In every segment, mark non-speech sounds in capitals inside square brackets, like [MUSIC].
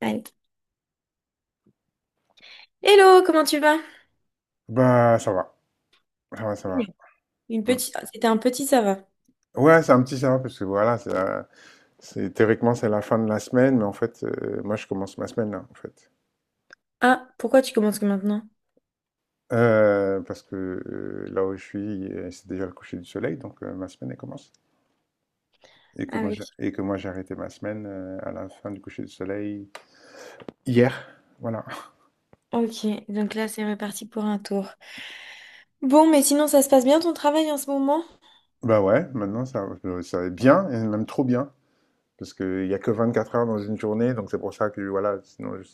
Allez. Hello, comment tu vas? Bah, ça va, ça va, ça Bien. va. Mm. C'était un petit ça va. Ouais, c'est un petit ça va parce que voilà, théoriquement c'est la fin de la semaine, mais en fait, moi je commence ma semaine là, en fait. Ah, pourquoi tu commences que maintenant? Parce que là où je suis, c'est déjà le coucher du soleil, donc ma semaine elle commence. Et que Ah moi oui. j'ai et que moi j'ai arrêté ma semaine à la fin du coucher du soleil hier, voilà. [LAUGHS] Ok, donc là c'est reparti pour un tour. Bon, mais sinon ça se passe bien ton travail en ce moment? Bah ouais, maintenant ça, ça va être bien, et même trop bien, parce qu'il n'y a que 24 heures dans une journée, donc c'est pour ça que voilà, sinon, je,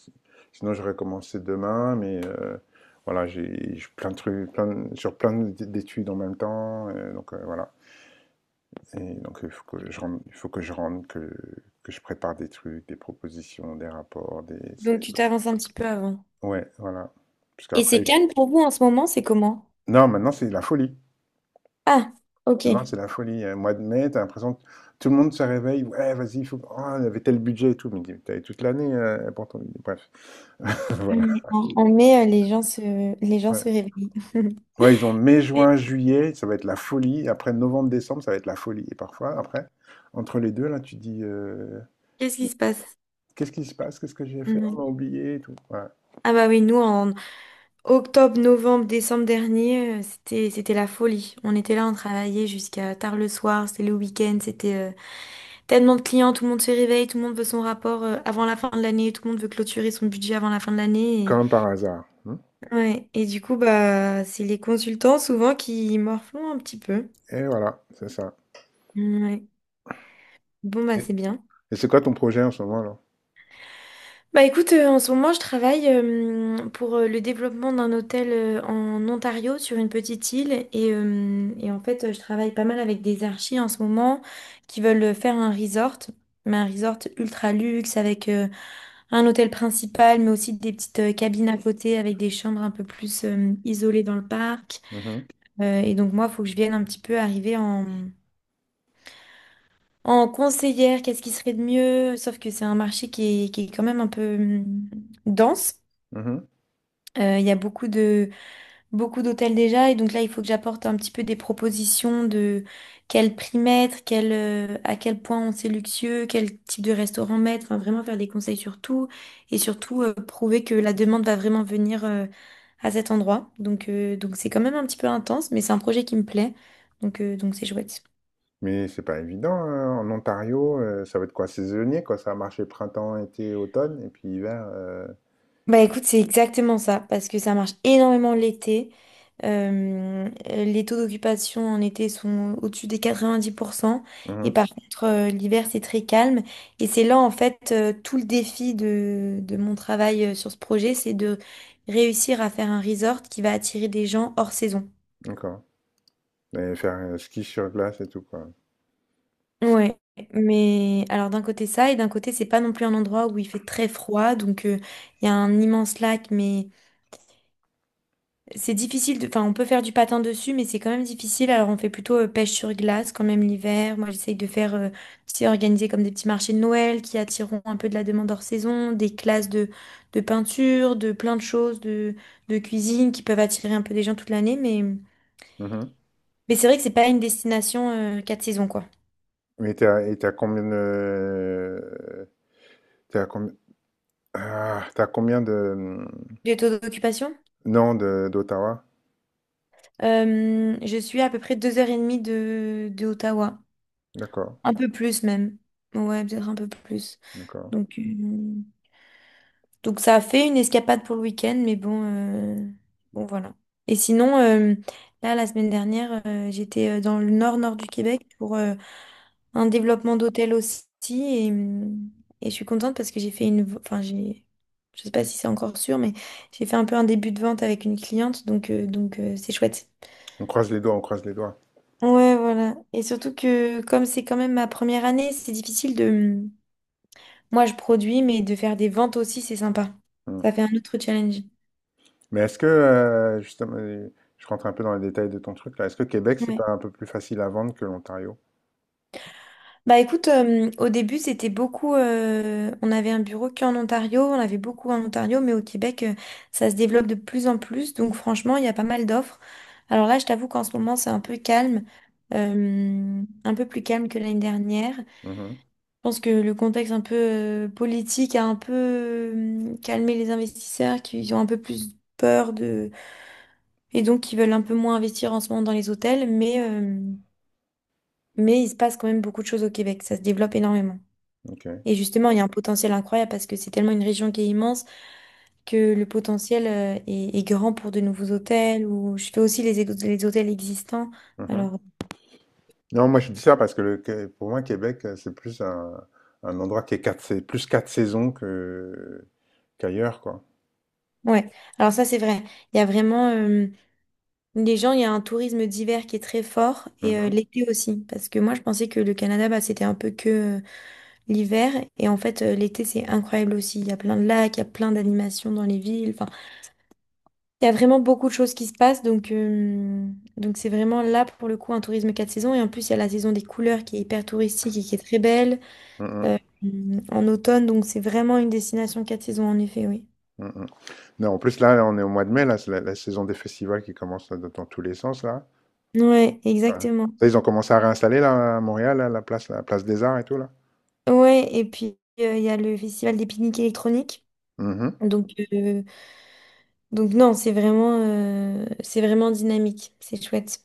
sinon j'aurais commencé demain, mais voilà, j'ai plein de trucs, sur plein d'études en même temps, donc voilà. Et donc il faut que je rentre, que je prépare des trucs, des propositions, des rapports, des... Donc tu t'avances un petit peu avant. Ouais, voilà. Parce Et c'est qu'après... calme pour vous en ce moment, c'est comment? Non, maintenant c'est la folie. Ah, ok. Maintenant c'est la folie. Mois de mai, t'as l'impression que tout le monde se réveille, ouais, vas-y, il faut... Oh, il y avait tel budget et tout, mais t'avais toute l'année pour ton... Bref, [LAUGHS] On voilà. on on met les gens se Ouais. réveillent. [LAUGHS] Ouais, ils ont mai, juin, juillet, ça va être la folie. Après novembre, décembre, ça va être la folie. Et parfois, après, entre les deux, là, tu dis Qu'est-ce qui se passe? qu'est-ce qui se passe? Qu'est-ce que j'ai fait? On m'a Mhm. [LAUGHS] oublié et tout. Ouais. Ah bah oui, nous, octobre, novembre, décembre dernier, c'était la folie. On était là, on travaillait jusqu'à tard le soir, c'était le week-end, c'était tellement de clients, tout le monde se réveille, tout le monde veut son rapport avant la fin de l'année, tout le monde veut clôturer son budget avant la fin de l'année. Comme par hasard, hein. Et, ouais. Et du coup, bah, c'est les consultants souvent qui morflent un petit peu. Et voilà, c'est ça. Ouais. Bon, bah, Et, c'est bien. et c'est quoi ton projet en ce moment, là? Bah écoute, en ce moment, je travaille pour le développement d'un hôtel en Ontario sur une petite île et en fait, je travaille pas mal avec des archis en ce moment qui veulent faire un resort, mais un resort ultra luxe avec un hôtel principal, mais aussi des petites cabines à côté avec des chambres un peu plus isolées dans le parc. Mhm, Et donc moi, il faut que je vienne un petit peu arriver en conseillère, qu'est-ce qui serait de mieux, sauf que c'est un marché qui est quand même un peu dense. mhm. Il y a beaucoup d'hôtels déjà et donc là il faut que j'apporte un petit peu des propositions de quel prix mettre, à quel point on c'est luxueux, quel type de restaurant mettre, enfin vraiment faire des conseils sur tout et surtout prouver que la demande va vraiment venir à cet endroit. Donc c'est quand même un petit peu intense mais c'est un projet qui me plaît donc c'est chouette. Mais c'est pas évident, hein. En Ontario, ça va être quoi? Saisonnier, quoi. Ça va marcher printemps, été, automne, et puis hiver. Bah écoute, c'est exactement ça, parce que ça marche énormément l'été. Les taux d'occupation en été sont au-dessus des 90% et Mhm. par contre, l'hiver, c'est très calme. Et c'est là, en fait, tout le défi de mon travail sur ce projet, c'est de réussir à faire un resort qui va attirer des gens hors saison. D'accord. Et faire ski sur glace et tout, quoi. Ouais, mais alors d'un côté ça, et d'un côté c'est pas non plus un endroit où il fait très froid, donc il y a un immense lac, mais c'est difficile de... Enfin, on peut faire du patin dessus, mais c'est quand même difficile. Alors, on fait plutôt pêche sur glace quand même l'hiver. Moi, j'essaye de faire. C'est organisé comme des petits marchés de Noël qui attireront un peu de la demande hors saison, des classes de peinture, de plein de choses, de cuisine qui peuvent attirer un peu des gens toute l'année. Mais, Mhm. mais c'est vrai que c'est pas une destination quatre saisons, quoi. Mais t'as, et t'as combien de... T'es à combien, ah, t'es à combien de... Les taux d'occupation? Non, de d'Ottawa? Je suis à peu près 2 h 30 de Ottawa. D'accord, Un peu plus même. Ouais, peut-être un peu plus. d'accord. Donc... euh, Donc ça a fait une escapade pour le week-end, mais bon, bon voilà. Et sinon, là, la semaine dernière, j'étais dans le nord-nord du Québec pour un développement d'hôtel aussi. Et, hum, et je suis contente parce que j'ai fait Enfin, je sais pas si c'est encore sûr, mais j'ai fait un peu un début de vente avec une cliente, donc c'est chouette. On croise les doigts, on croise les doigts. Ouais, voilà. Et surtout que comme c'est quand même ma première année, c'est difficile de... Moi, je produis, mais de faire des ventes aussi, c'est sympa. Hmm. Ça fait un autre challenge. Mais est-ce que, justement, je rentre un peu dans les détails de ton truc là, est-ce que Québec, c'est Ouais. pas un peu plus facile à vendre que l'Ontario? Bah écoute, au début c'était beaucoup, on avait un bureau qu'en Ontario, on avait beaucoup en Ontario, mais au Québec ça se développe de plus en plus, donc franchement il y a pas mal d'offres. Alors là je t'avoue qu'en ce moment c'est un peu calme, un peu plus calme que l'année dernière. Je Mhm, pense que le contexte un peu politique a un peu calmé les investisseurs qui ont un peu plus peur de... et donc qui veulent un peu moins investir en ce moment dans les hôtels, mais il se passe quand même beaucoup de choses au Québec, ça se développe énormément. ok. Et justement, il y a un potentiel incroyable parce que c'est tellement une région qui est immense que le potentiel est grand pour de nouveaux hôtels ou je fais aussi les hôtels existants. Mhm. Alors, Non, moi je dis ça parce que pour moi, Québec, c'est plus un endroit qui est quatre, c'est plus quatre saisons que qu'ailleurs, quoi. ouais, alors ça c'est vrai. Il y a vraiment il y a un tourisme d'hiver qui est très fort et Mhm, l'été aussi. Parce que moi je pensais que le Canada, bah, c'était un peu que euh, l'hiver et en fait l'été c'est incroyable aussi. Il y a plein de lacs, il y a plein d'animations dans les villes. Enfin, il y a vraiment beaucoup de choses qui se passent, donc c'est vraiment là pour le coup un tourisme quatre saisons. Et en plus, il y a la saison des couleurs qui est hyper touristique et qui est très belle mhm, euh, en automne, donc c'est vraiment une destination quatre saisons en effet, oui. mhm. Non, en plus là, là, on est au mois de mai, là, c'est la saison des festivals qui commence là, dans tous les sens là. Ouais, Ouais. exactement. Ça, ils ont commencé à réinstaller là, à Montréal, là, la place des Arts et tout là. Ouais, et puis il y a le festival des pique-niques électroniques. Mhm. Donc euh, donc non, c'est vraiment dynamique, c'est chouette.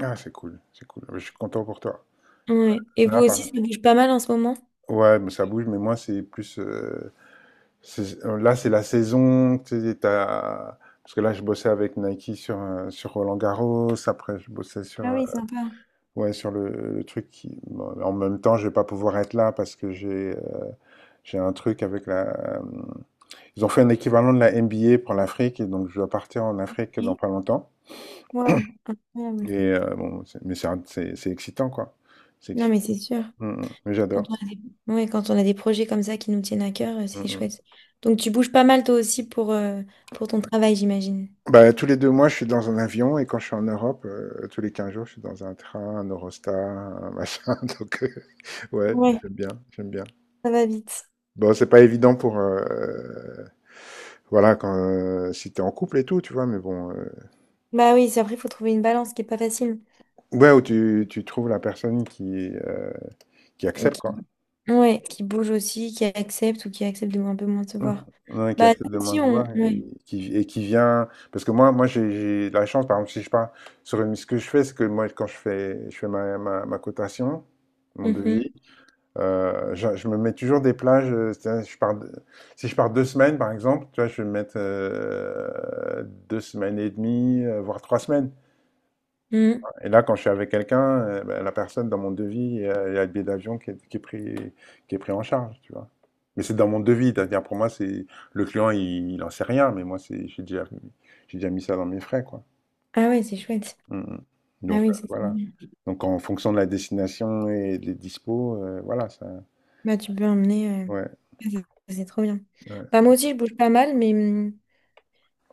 Ah, c'est cool, c'est cool. Je suis content pour toi. Ouais. Et vous Là, aussi, par- ça bouge pas mal en ce moment? ouais, mais ça bouge, mais moi, c'est plus. Là, c'est la saison, tu sais, parce que là, je bossais avec Nike sur Roland-Garros. Après, je bossais Ah oui, sympa. ouais, sur le truc qui. Bon, en même temps, je vais pas pouvoir être là parce que j'ai un truc avec la. euh, Ils ont fait un équivalent de la NBA pour l'Afrique et donc je dois partir en Afrique dans Oui. pas longtemps. Waouh, incroyable. Et bon, c'est mais c'est un c'est excitant, quoi. C'est Non mais excitant. c'est sûr. Mmh mh. Mais Quand j'adore. on a des, Ouais, quand on a des projets comme ça qui nous tiennent à cœur, Mmh c'est mh. chouette. Donc tu bouges pas mal toi aussi pour ton travail, j'imagine. Bah, tous les 2 mois, je suis dans un avion et quand je suis en Europe, tous les 15 jours, je suis dans un train, un Eurostar, un machin, [LAUGHS] donc ouais, mais Ouais, j'aime bien, j'aime bien. ça va vite. Bon, c'est pas évident pour, voilà, quand, si t'es en couple et tout, tu vois? Mais bon, Bah oui, c'est après, il faut trouver une balance qui est pas facile. ouais, où tu trouves la personne qui Ok. accepte, quoi. Ouais, qui bouge aussi, qui accepte ou qui accepte de un peu moins se voir. Ouais, qui Bah accepte de nous moins aussi, se on... voir et Ouais. et qui vient. Parce que moi, moi j'ai la chance, par exemple, si je pars sur une. Ce que je fais, c'est que moi, quand je fais ma cotation, mon devis, Mhm. Je me mets toujours des plages, c'est-à-dire, si je pars 2 semaines, par exemple, tu vois, je vais me mettre 2 semaines et demie, voire 3 semaines. Mhm. Et là, quand je suis avec quelqu'un, ben, la personne dans mon devis, il y a le billet d'avion qui est pris, en charge, tu vois. Mais c'est dans mon devis, c'est-à-dire pour moi, c'est le client, il n'en sait rien, mais moi, j'ai déjà mis ça dans mes frais, quoi. Ah ouais, c'est chouette. Mm, mm. Ah Donc oui, c'est trop voilà. bien. Donc en fonction de la destination et des dispos, voilà, ça. Bah tu peux emmener, Ouais, c'est trop bien. ouais. Bah moi aussi, je bouge pas mal, mais... hum,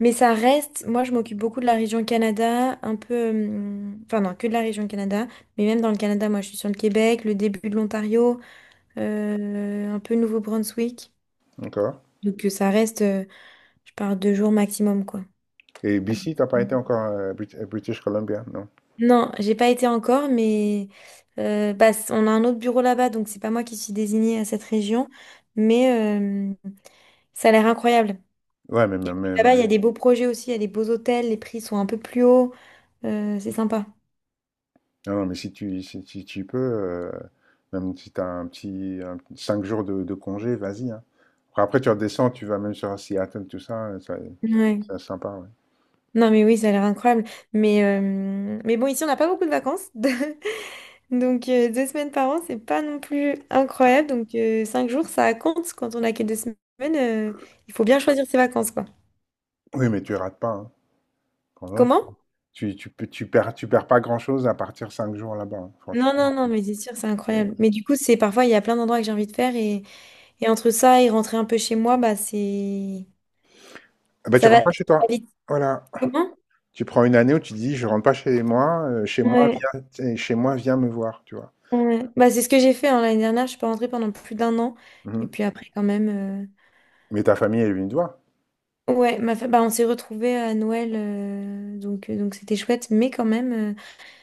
Mais ça reste, moi je m'occupe beaucoup de la région Canada, un peu, enfin non, que de la région Canada, mais même dans le Canada, moi je suis sur le Québec, le début de l'Ontario, un peu Nouveau-Brunswick. Encore. Donc euh, ça reste, euh, je parle 2 jours maximum, quoi. Et BC, t'as pas été encore British Columbia, non? Non, j'ai pas été encore, mais on a un autre bureau là-bas, donc c'est pas moi qui suis désignée à cette région, mais euh, ça a l'air incroyable. Ouais, mais, mais, Puis mais- là-bas, il y a mais- des beaux projets aussi, il y a des beaux hôtels, les prix sont un peu plus hauts, c'est sympa. Non, non, mais si tu peux, même si tu as un 5 jours de congé, vas-y, hein. Après, tu redescends, tu vas même sur Seattle, tout ça, Ouais. ça- c'est sympa. Ouais. Non, mais oui, ça a l'air incroyable. Mais bon, ici, on n'a pas beaucoup de vacances. [LAUGHS] Donc, 2 semaines par an, c'est pas non plus incroyable. Donc, 5 jours, ça compte. Quand on a que 2 semaines, euh, il faut bien choisir ses vacances, quoi. Oui, mais tu rates pas, hein. Quand même, Comment? Tu perds pas grand-chose à partir 5 jours là-bas, hein. Non, Franchement, non, non, mais c'est sûr, c'est c'est- incroyable. Mais du coup, c'est parfois, il y a plein d'endroits que j'ai envie de faire. Et entre ça et rentrer un peu chez moi, bah, c'est. ah bah, tu Ça va rentres ça pas chez va toi. vite. Voilà. Comment? Tu prends une année où tu te dis, je rentre pas chez moi, Ouais, viens, t'sais, chez moi, viens me voir, tu vois. ouais. Bah, c'est ce que j'ai fait hein, l'année dernière. Je suis pas rentrée pendant plus d'un an. Et Mhm. puis après, quand même. Mais ta famille, elle est venue te voir. Ouais, on s'est retrouvés à Noël, donc c'était chouette, mais quand même,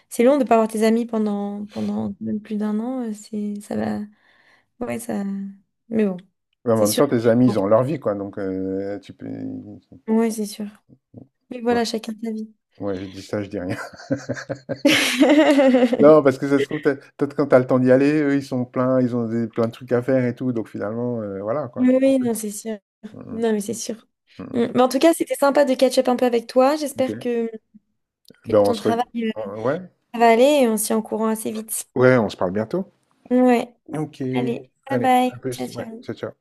c'est long de pas voir tes amis pendant même plus d'un an. C'est ça va, ouais ça, mais bon, Mais en c'est même sûr. temps, tes amis, Bon. ils ont leur vie, quoi. Donc, tu peux. Ouais, c'est sûr. Mais voilà, chacun sa vie. Ouais, je dis ça, je dis rien. [LAUGHS] [LAUGHS] Non, parce que ça se trouve, peut-être peut-être quand t'as le temps d'y aller, eux, ils sont pleins, ils ont plein de trucs à faire et tout, donc finalement, voilà, quoi. Oui, C'est pour oui, ça. non, c'est sûr. Mhm, Non, mais c'est sûr. Mm. mhm. Mais en tout cas, c'était sympa de catch-up un peu avec toi. Ok. J'espère que Ben, on ton se... re- travail on- ouais. va aller et on s'y en courant assez vite. Ouais, on se parle bientôt. Ouais, Ok. allez, bye Allez, à bye, ciao plus. Ouais, ciao. ciao, ciao.